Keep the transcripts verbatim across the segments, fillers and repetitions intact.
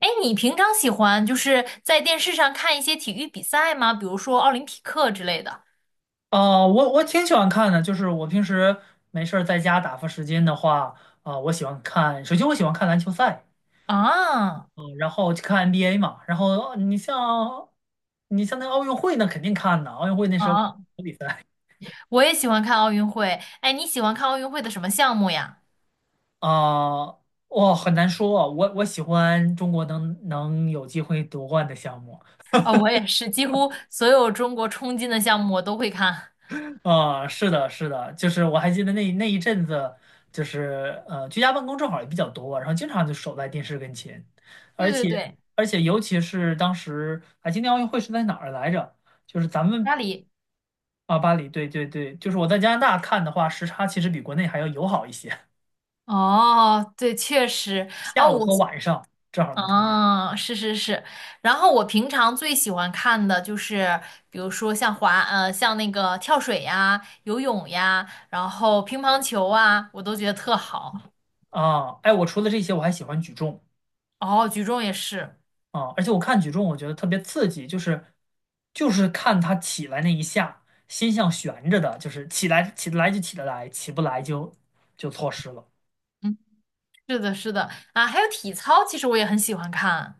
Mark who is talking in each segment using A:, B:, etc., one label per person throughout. A: 哎，你平常喜欢就是在电视上看一些体育比赛吗？比如说奥林匹克之类的。
B: 啊、我我挺喜欢看的，就是我平时没事儿在家打发时间的话，啊、我喜欢看。首先我喜欢看篮球赛，
A: 啊
B: 嗯、然后去看 N B A 嘛。然后呃你像你像那奥运会那肯定看的，奥运会那时候
A: 啊，
B: 比赛
A: 我也喜欢看奥运会。哎，你喜欢看奥运会的什么项目呀？
B: 啊。哇、很难说啊，我我喜欢中国能能有机会夺冠的项目。
A: 哦，我也是，几乎所有中国冲金的项目我都会看。
B: 啊、是的，是的，就是我还记得那那一阵子，就是呃，居家办公正好也比较多，然后经常就守在电视跟前。而
A: 对对
B: 且
A: 对，
B: 而且尤其是当时啊，今年奥运会是在哪儿来着？就是咱们
A: 拉里。
B: 啊，巴黎，对对对，就是我在加拿大看的话，时差其实比国内还要友好一些。
A: 哦，对，确实。
B: 下
A: 哦，
B: 午
A: 我。
B: 和晚上正好能看见
A: 哦，是是是，然后我平常最喜欢看的就是，比如说像滑，呃，像那个跳水呀、游泳呀，然后乒乓球啊，我都觉得特好。
B: 啊。哎，我除了这些，我还喜欢举重。
A: 哦，举重也是，
B: 啊，而且我看举重，我觉得特别刺激，就是就是看他起来那一下，心像悬着的，就是起来起得来就起得来，起不来就就错失了。
A: 嗯，是的，是的，啊，还有体操，其实我也很喜欢看。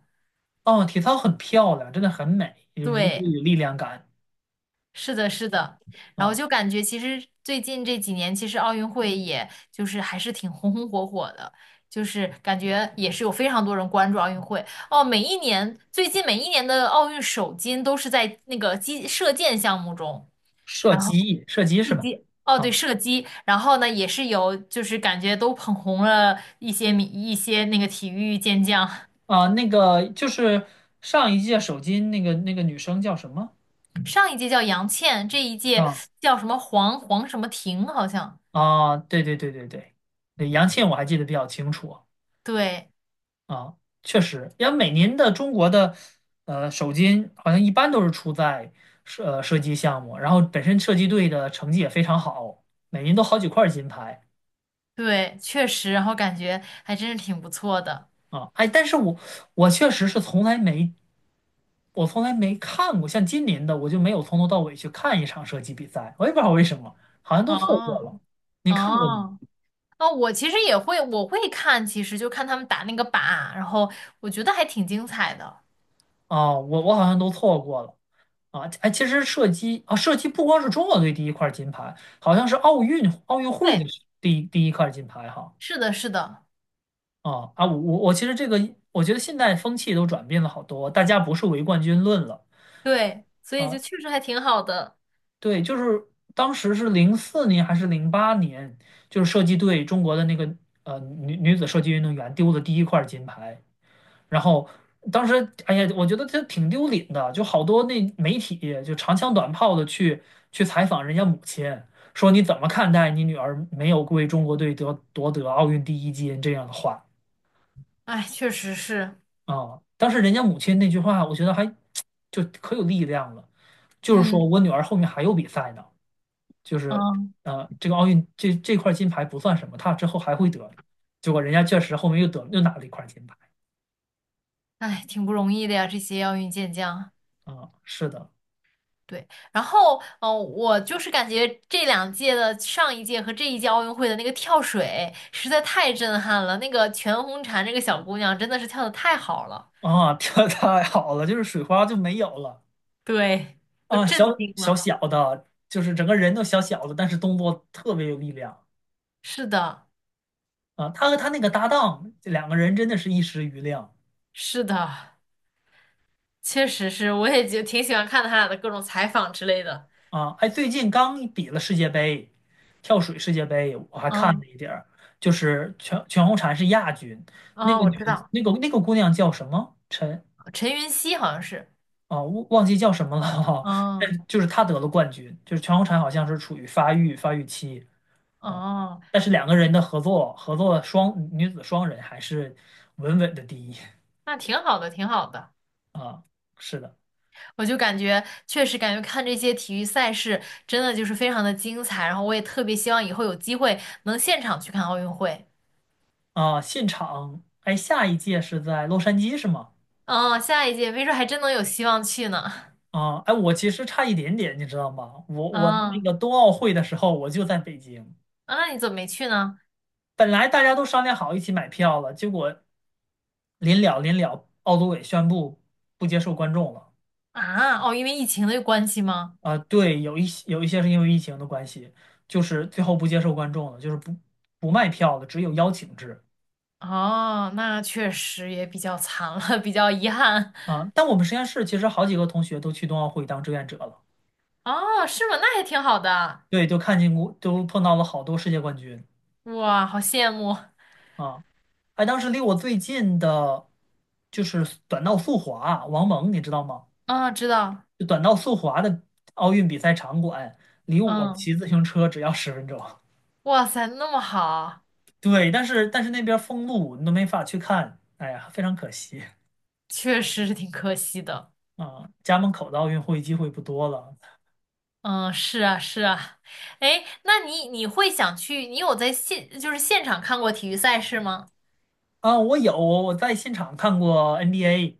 B: 哦，体操很漂亮，真的很美，有力
A: 对。
B: 有力量感
A: 是的，是的，然后
B: 啊。
A: 就感觉其实最近这几年，其实奥运会也就是还是挺红红火火的，就是感觉也是有非常多人关注奥运会。哦，每一年，最近每一年的奥运首金都是在那个击射箭项目中，
B: 射
A: 然后
B: 击，射击是
A: 射
B: 吧？
A: 击，哦对，
B: 啊
A: 射击，然后呢也是有就是感觉都捧红了一些米一些那个体育健将，
B: 啊，那个就是上一届首金那个那个女生叫什么？
A: 上一届叫杨倩，这一届
B: 啊
A: 叫什么黄黄什么婷好像，
B: 啊，对对对对对，对杨倩我还记得比较清楚。
A: 对。
B: 啊，确实，因为每年的中国的呃首金好像一般都是出在射呃射击项目，然后本身射击队的成绩也非常好，每年都好几块金牌
A: 对，确实，然后感觉还真是挺不错的。
B: 啊。哎，但是我我确实是从来没我从来没看过，像今年的我就没有从头到尾去看一场射击比赛，我也不知道为什么，好像都错过
A: 哦
B: 了。你看过吗？
A: 哦哦，我其实也会，我会看，其实就看他们打那个靶，然后我觉得还挺精彩的。
B: 啊，我我好像都错过了啊！哎，其实射击啊，射击不光是中国队第一块金牌，好像是奥运奥运会的
A: 对，
B: 第第一块金牌哈。
A: 是的，是的，
B: 啊啊！我我我其实这个，我觉得现在风气都转变了好多，大家不是唯冠军论了
A: 对，所以就
B: 啊。
A: 确实还挺好的。
B: 对，就是当时是零四年还是零八年，就是射击队中国的那个呃女女子射击运动员丢的第一块金牌，然后当时，哎呀，我觉得这挺丢脸的，就好多那媒体就长枪短炮的去去采访人家母亲，说你怎么看待你女儿没有为中国队得夺得奥运第一金这样的话。
A: 哎，确实是，
B: 啊？当时人家母亲那句话，我觉得还 就可有力量了，就是说
A: 嗯
B: 我女儿后面还有比赛呢，就是
A: 嗯，
B: 呃，这个奥运这这块金牌不算什么，她之后还会得，结果人家确实后面又得又拿了一块金牌
A: 哎，挺不容易的呀，这些奥运健将。
B: 啊，是的。
A: 对，然后，呃，我就是感觉这两届的上一届和这一届奥运会的那个跳水实在太震撼了，那个全红婵这个小姑娘真的是跳的太好了，
B: 啊，跳的太好了，就是水花就没有了
A: 对，都
B: 啊。小
A: 震惊
B: 小
A: 了。
B: 小的，就是整个人都小小的，但是动作特别有力量
A: 是的，
B: 啊。他和他那个搭档，这两个人真的是一时瑜亮
A: 是的，确实是，我也就挺喜欢看他俩的各种采访之类的。
B: 啊。哎，最近刚比了世界杯，跳水世界杯，我还看
A: 嗯，
B: 了一点儿，就是全全红婵是亚军，那
A: 哦，
B: 个
A: 我
B: 女
A: 知
B: 的，
A: 道，
B: 那个那个姑娘叫什么？陈
A: 陈云汐好像是，
B: 啊，忘忘记叫什么了哈、但
A: 嗯，
B: 就是她得了冠军，就是全红婵好像是处于发育发育期。啊，
A: 哦，
B: 但是两个人的合作合作双女子双人还是稳稳的第一
A: 那挺好的，挺好的。
B: 啊，是的
A: 我就感觉确实感觉看这些体育赛事真的就是非常的精彩，然后我也特别希望以后有机会能现场去看奥运会。
B: 啊。现场哎，下一届是在洛杉矶是吗？
A: 嗯，下一届没准还真能有希望去呢。
B: 啊，哎，我其实差一点点，你知道吗？我我那
A: 嗯，
B: 个冬奥会的时候我就在北京，
A: 啊，那你怎么没去呢？
B: 本来大家都商量好一起买票了，结果临了临了，奥组委宣布不接受观众了。
A: 啊，哦，因为疫情的关系吗？
B: 啊、对，有一些有一些是因为疫情的关系，就是最后不接受观众了，就是不不卖票了，只有邀请制。
A: 哦，那确实也比较惨了，比较遗憾。
B: 啊，但我们实验室其实好几个同学都去冬奥会当志愿者了。
A: 哦，是吗？那还挺好的。
B: 对，就看见过，都碰到了好多世界冠军
A: 哇，好羡慕。
B: 啊。哎，当时离我最近的，就是短道速滑，王蒙，你知道吗？
A: 啊，知道。
B: 就短道速滑的奥运比赛场馆，离我
A: 嗯，
B: 骑自行车只要十分钟。
A: 哇塞，那么好，
B: 对，但是但是那边封路，你都没法去看，哎呀，非常可惜
A: 确实是挺可惜的。
B: 啊。家门口的奥运会机会不多了
A: 嗯，是啊，是啊。哎，那你你会想去？你有在现就是现场看过体育赛事吗？
B: 啊。我有，我在现场看过 N B A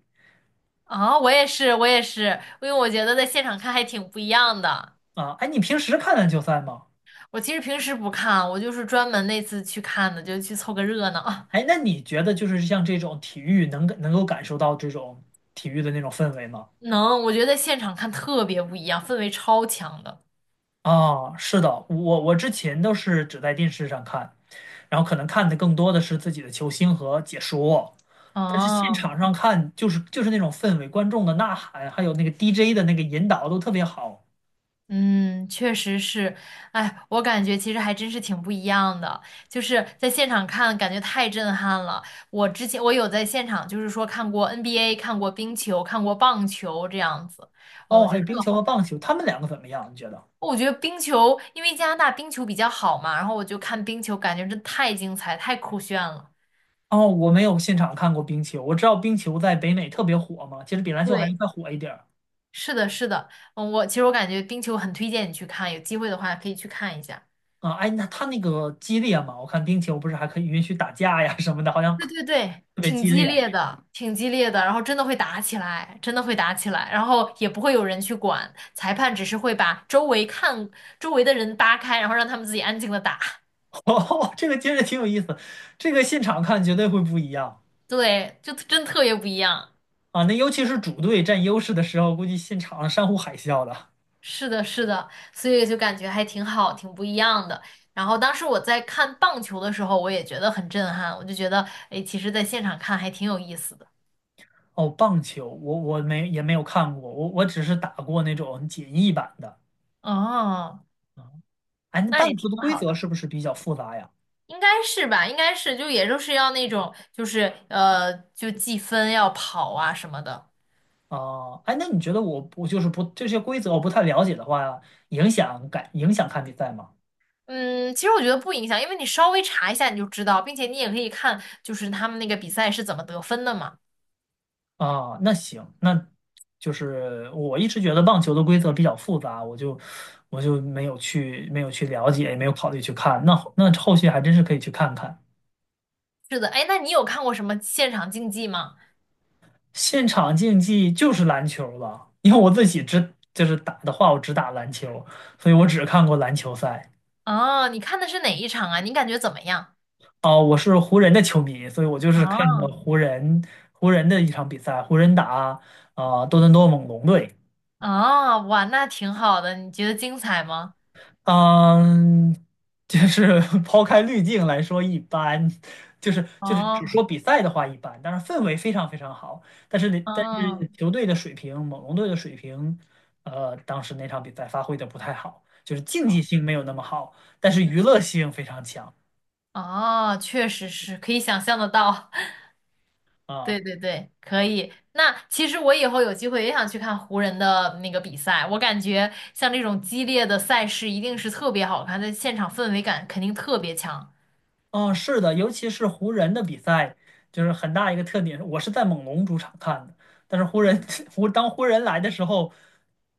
A: 啊、我也是，我也是，因为我觉得在现场看还挺不一样的。
B: 啊。哎，你平时看篮球赛吗？
A: 我其实平时不看，我就是专门那次去看的，就去凑个热闹。
B: 哎，那你觉得就是像这种体育能感能够感受到这种体育的那种氛围吗？
A: 能，我觉得在现场看特别不一样，氛围超强的。
B: 啊，是的，我我之前都是只在电视上看，然后可能看的更多的是自己的球星和解说，但是现
A: 哦、
B: 场上看就是就是那种氛围，观众的呐喊，还有那个 D J 的那个引导都特别好。
A: 嗯，确实是，哎，我感觉其实还真是挺不一样的，就是在现场看，感觉太震撼了。我之前我有在现场，就是说看过 N B A，看过冰球，看过棒球这样子，哦，
B: 哦，
A: 我
B: 还
A: 觉
B: 有
A: 得
B: 冰
A: 特
B: 球和
A: 好。
B: 棒球，他们两个怎么样？你觉得？
A: 我觉得冰球，因为加拿大冰球比较好嘛，然后我就看冰球，感觉真太精彩，太酷炫了。
B: 哦，我没有现场看过冰球，我知道冰球在北美特别火嘛，其实比篮球还要
A: 对，
B: 再火一点儿。
A: 是的，是的，嗯，我其实我感觉冰球很推荐你去看，有机会的话可以去看一下。
B: 啊，哎，那他那个激烈嘛，我看冰球不是还可以允许打架呀什么的，好像
A: 对
B: 特
A: 对对，
B: 别
A: 挺
B: 激
A: 激
B: 烈。
A: 烈的，挺激烈的，然后真的会打起来，真的会打起来，然后也不会有人去管，裁判只是会把周围看周围的人扒开，然后让他们自己安静的打，
B: 哦，这个听着挺有意思，这个现场看绝对会不一样
A: 对，就真特别不一样。
B: 啊。那尤其是主队占优势的时候，估计现场山呼海啸的。
A: 是的，是的，所以就感觉还挺好，挺不一样的。然后当时我在看棒球的时候，我也觉得很震撼，我就觉得，哎，其实在现场看还挺有意思的。
B: 哦，棒球我我没也没有看过，我我只是打过那种简易版的。
A: 哦，
B: 哎，那
A: 那也
B: 棒球
A: 挺
B: 的规
A: 好
B: 则
A: 的。
B: 是不是比较复杂呀？
A: 应该是吧，应该是，就也就是要那种，就是呃，就计分要跑啊什么的。
B: 啊，哎，那你觉得我我就是不这些规则我不太了解的话，影响感影响看比赛吗？
A: 嗯，其实我觉得不影响，因为你稍微查一下你就知道，并且你也可以看，就是他们那个比赛是怎么得分的嘛。
B: 啊，那行，那就是我一直觉得棒球的规则比较复杂，我就我就没有去没有去了解，也没有考虑去看。那后那后续还真是可以去看看。
A: 是的，哎，那你有看过什么现场竞技吗？
B: 现场竞技就是篮球了，因为我自己只就是打的话，我只打篮球，所以我只看过篮球赛。
A: 啊，你看的是哪一场啊？你感觉怎么样？
B: 哦，我是湖人的球迷，所以我就是看的
A: 啊
B: 湖人湖人的一场比赛，湖人打啊、呃多伦多猛龙队。
A: 啊，哇，那挺好的，你觉得精彩吗？
B: 嗯，就是 抛开滤镜来说，一般，就是就是只
A: 哦，
B: 说比赛的话一般，但是氛围非常非常好，但是那但
A: 嗯
B: 是球队的水平，猛龙队的水平，呃，当时那场比赛发挥的不太好，就是竞
A: 哦，
B: 技性没有那么好，但是
A: 嗯
B: 娱乐性非常强
A: 哦，确实是可以想象得到。
B: 啊。
A: 对对对，可以。那其实我以后有机会也想去看湖人的那个比赛，我感觉像这种激烈的赛事一定是特别好看，在现场氛围感肯定特别强
B: 嗯，是的，尤其是湖人的比赛，就是很大一个特点。我是在猛龙主场看的，但是湖人 湖当湖人来的时候，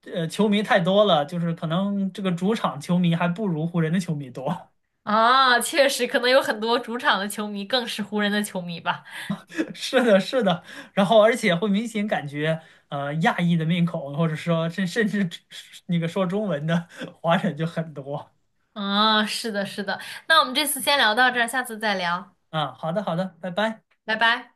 B: 呃，球迷太多了，就是可能这个主场球迷还不如湖人的球迷多。
A: 嗯啊！确实，可能有很多主场的球迷更是湖人的球迷吧。
B: 是的，是的，然后而且会明显感觉，呃，亚裔的面孔，或者说甚甚至 那个说中文的 华人就很多
A: 啊，是的，是的。那我们这次先聊到这儿，下次再聊，
B: 啊。好的，好的，拜拜。
A: 拜拜。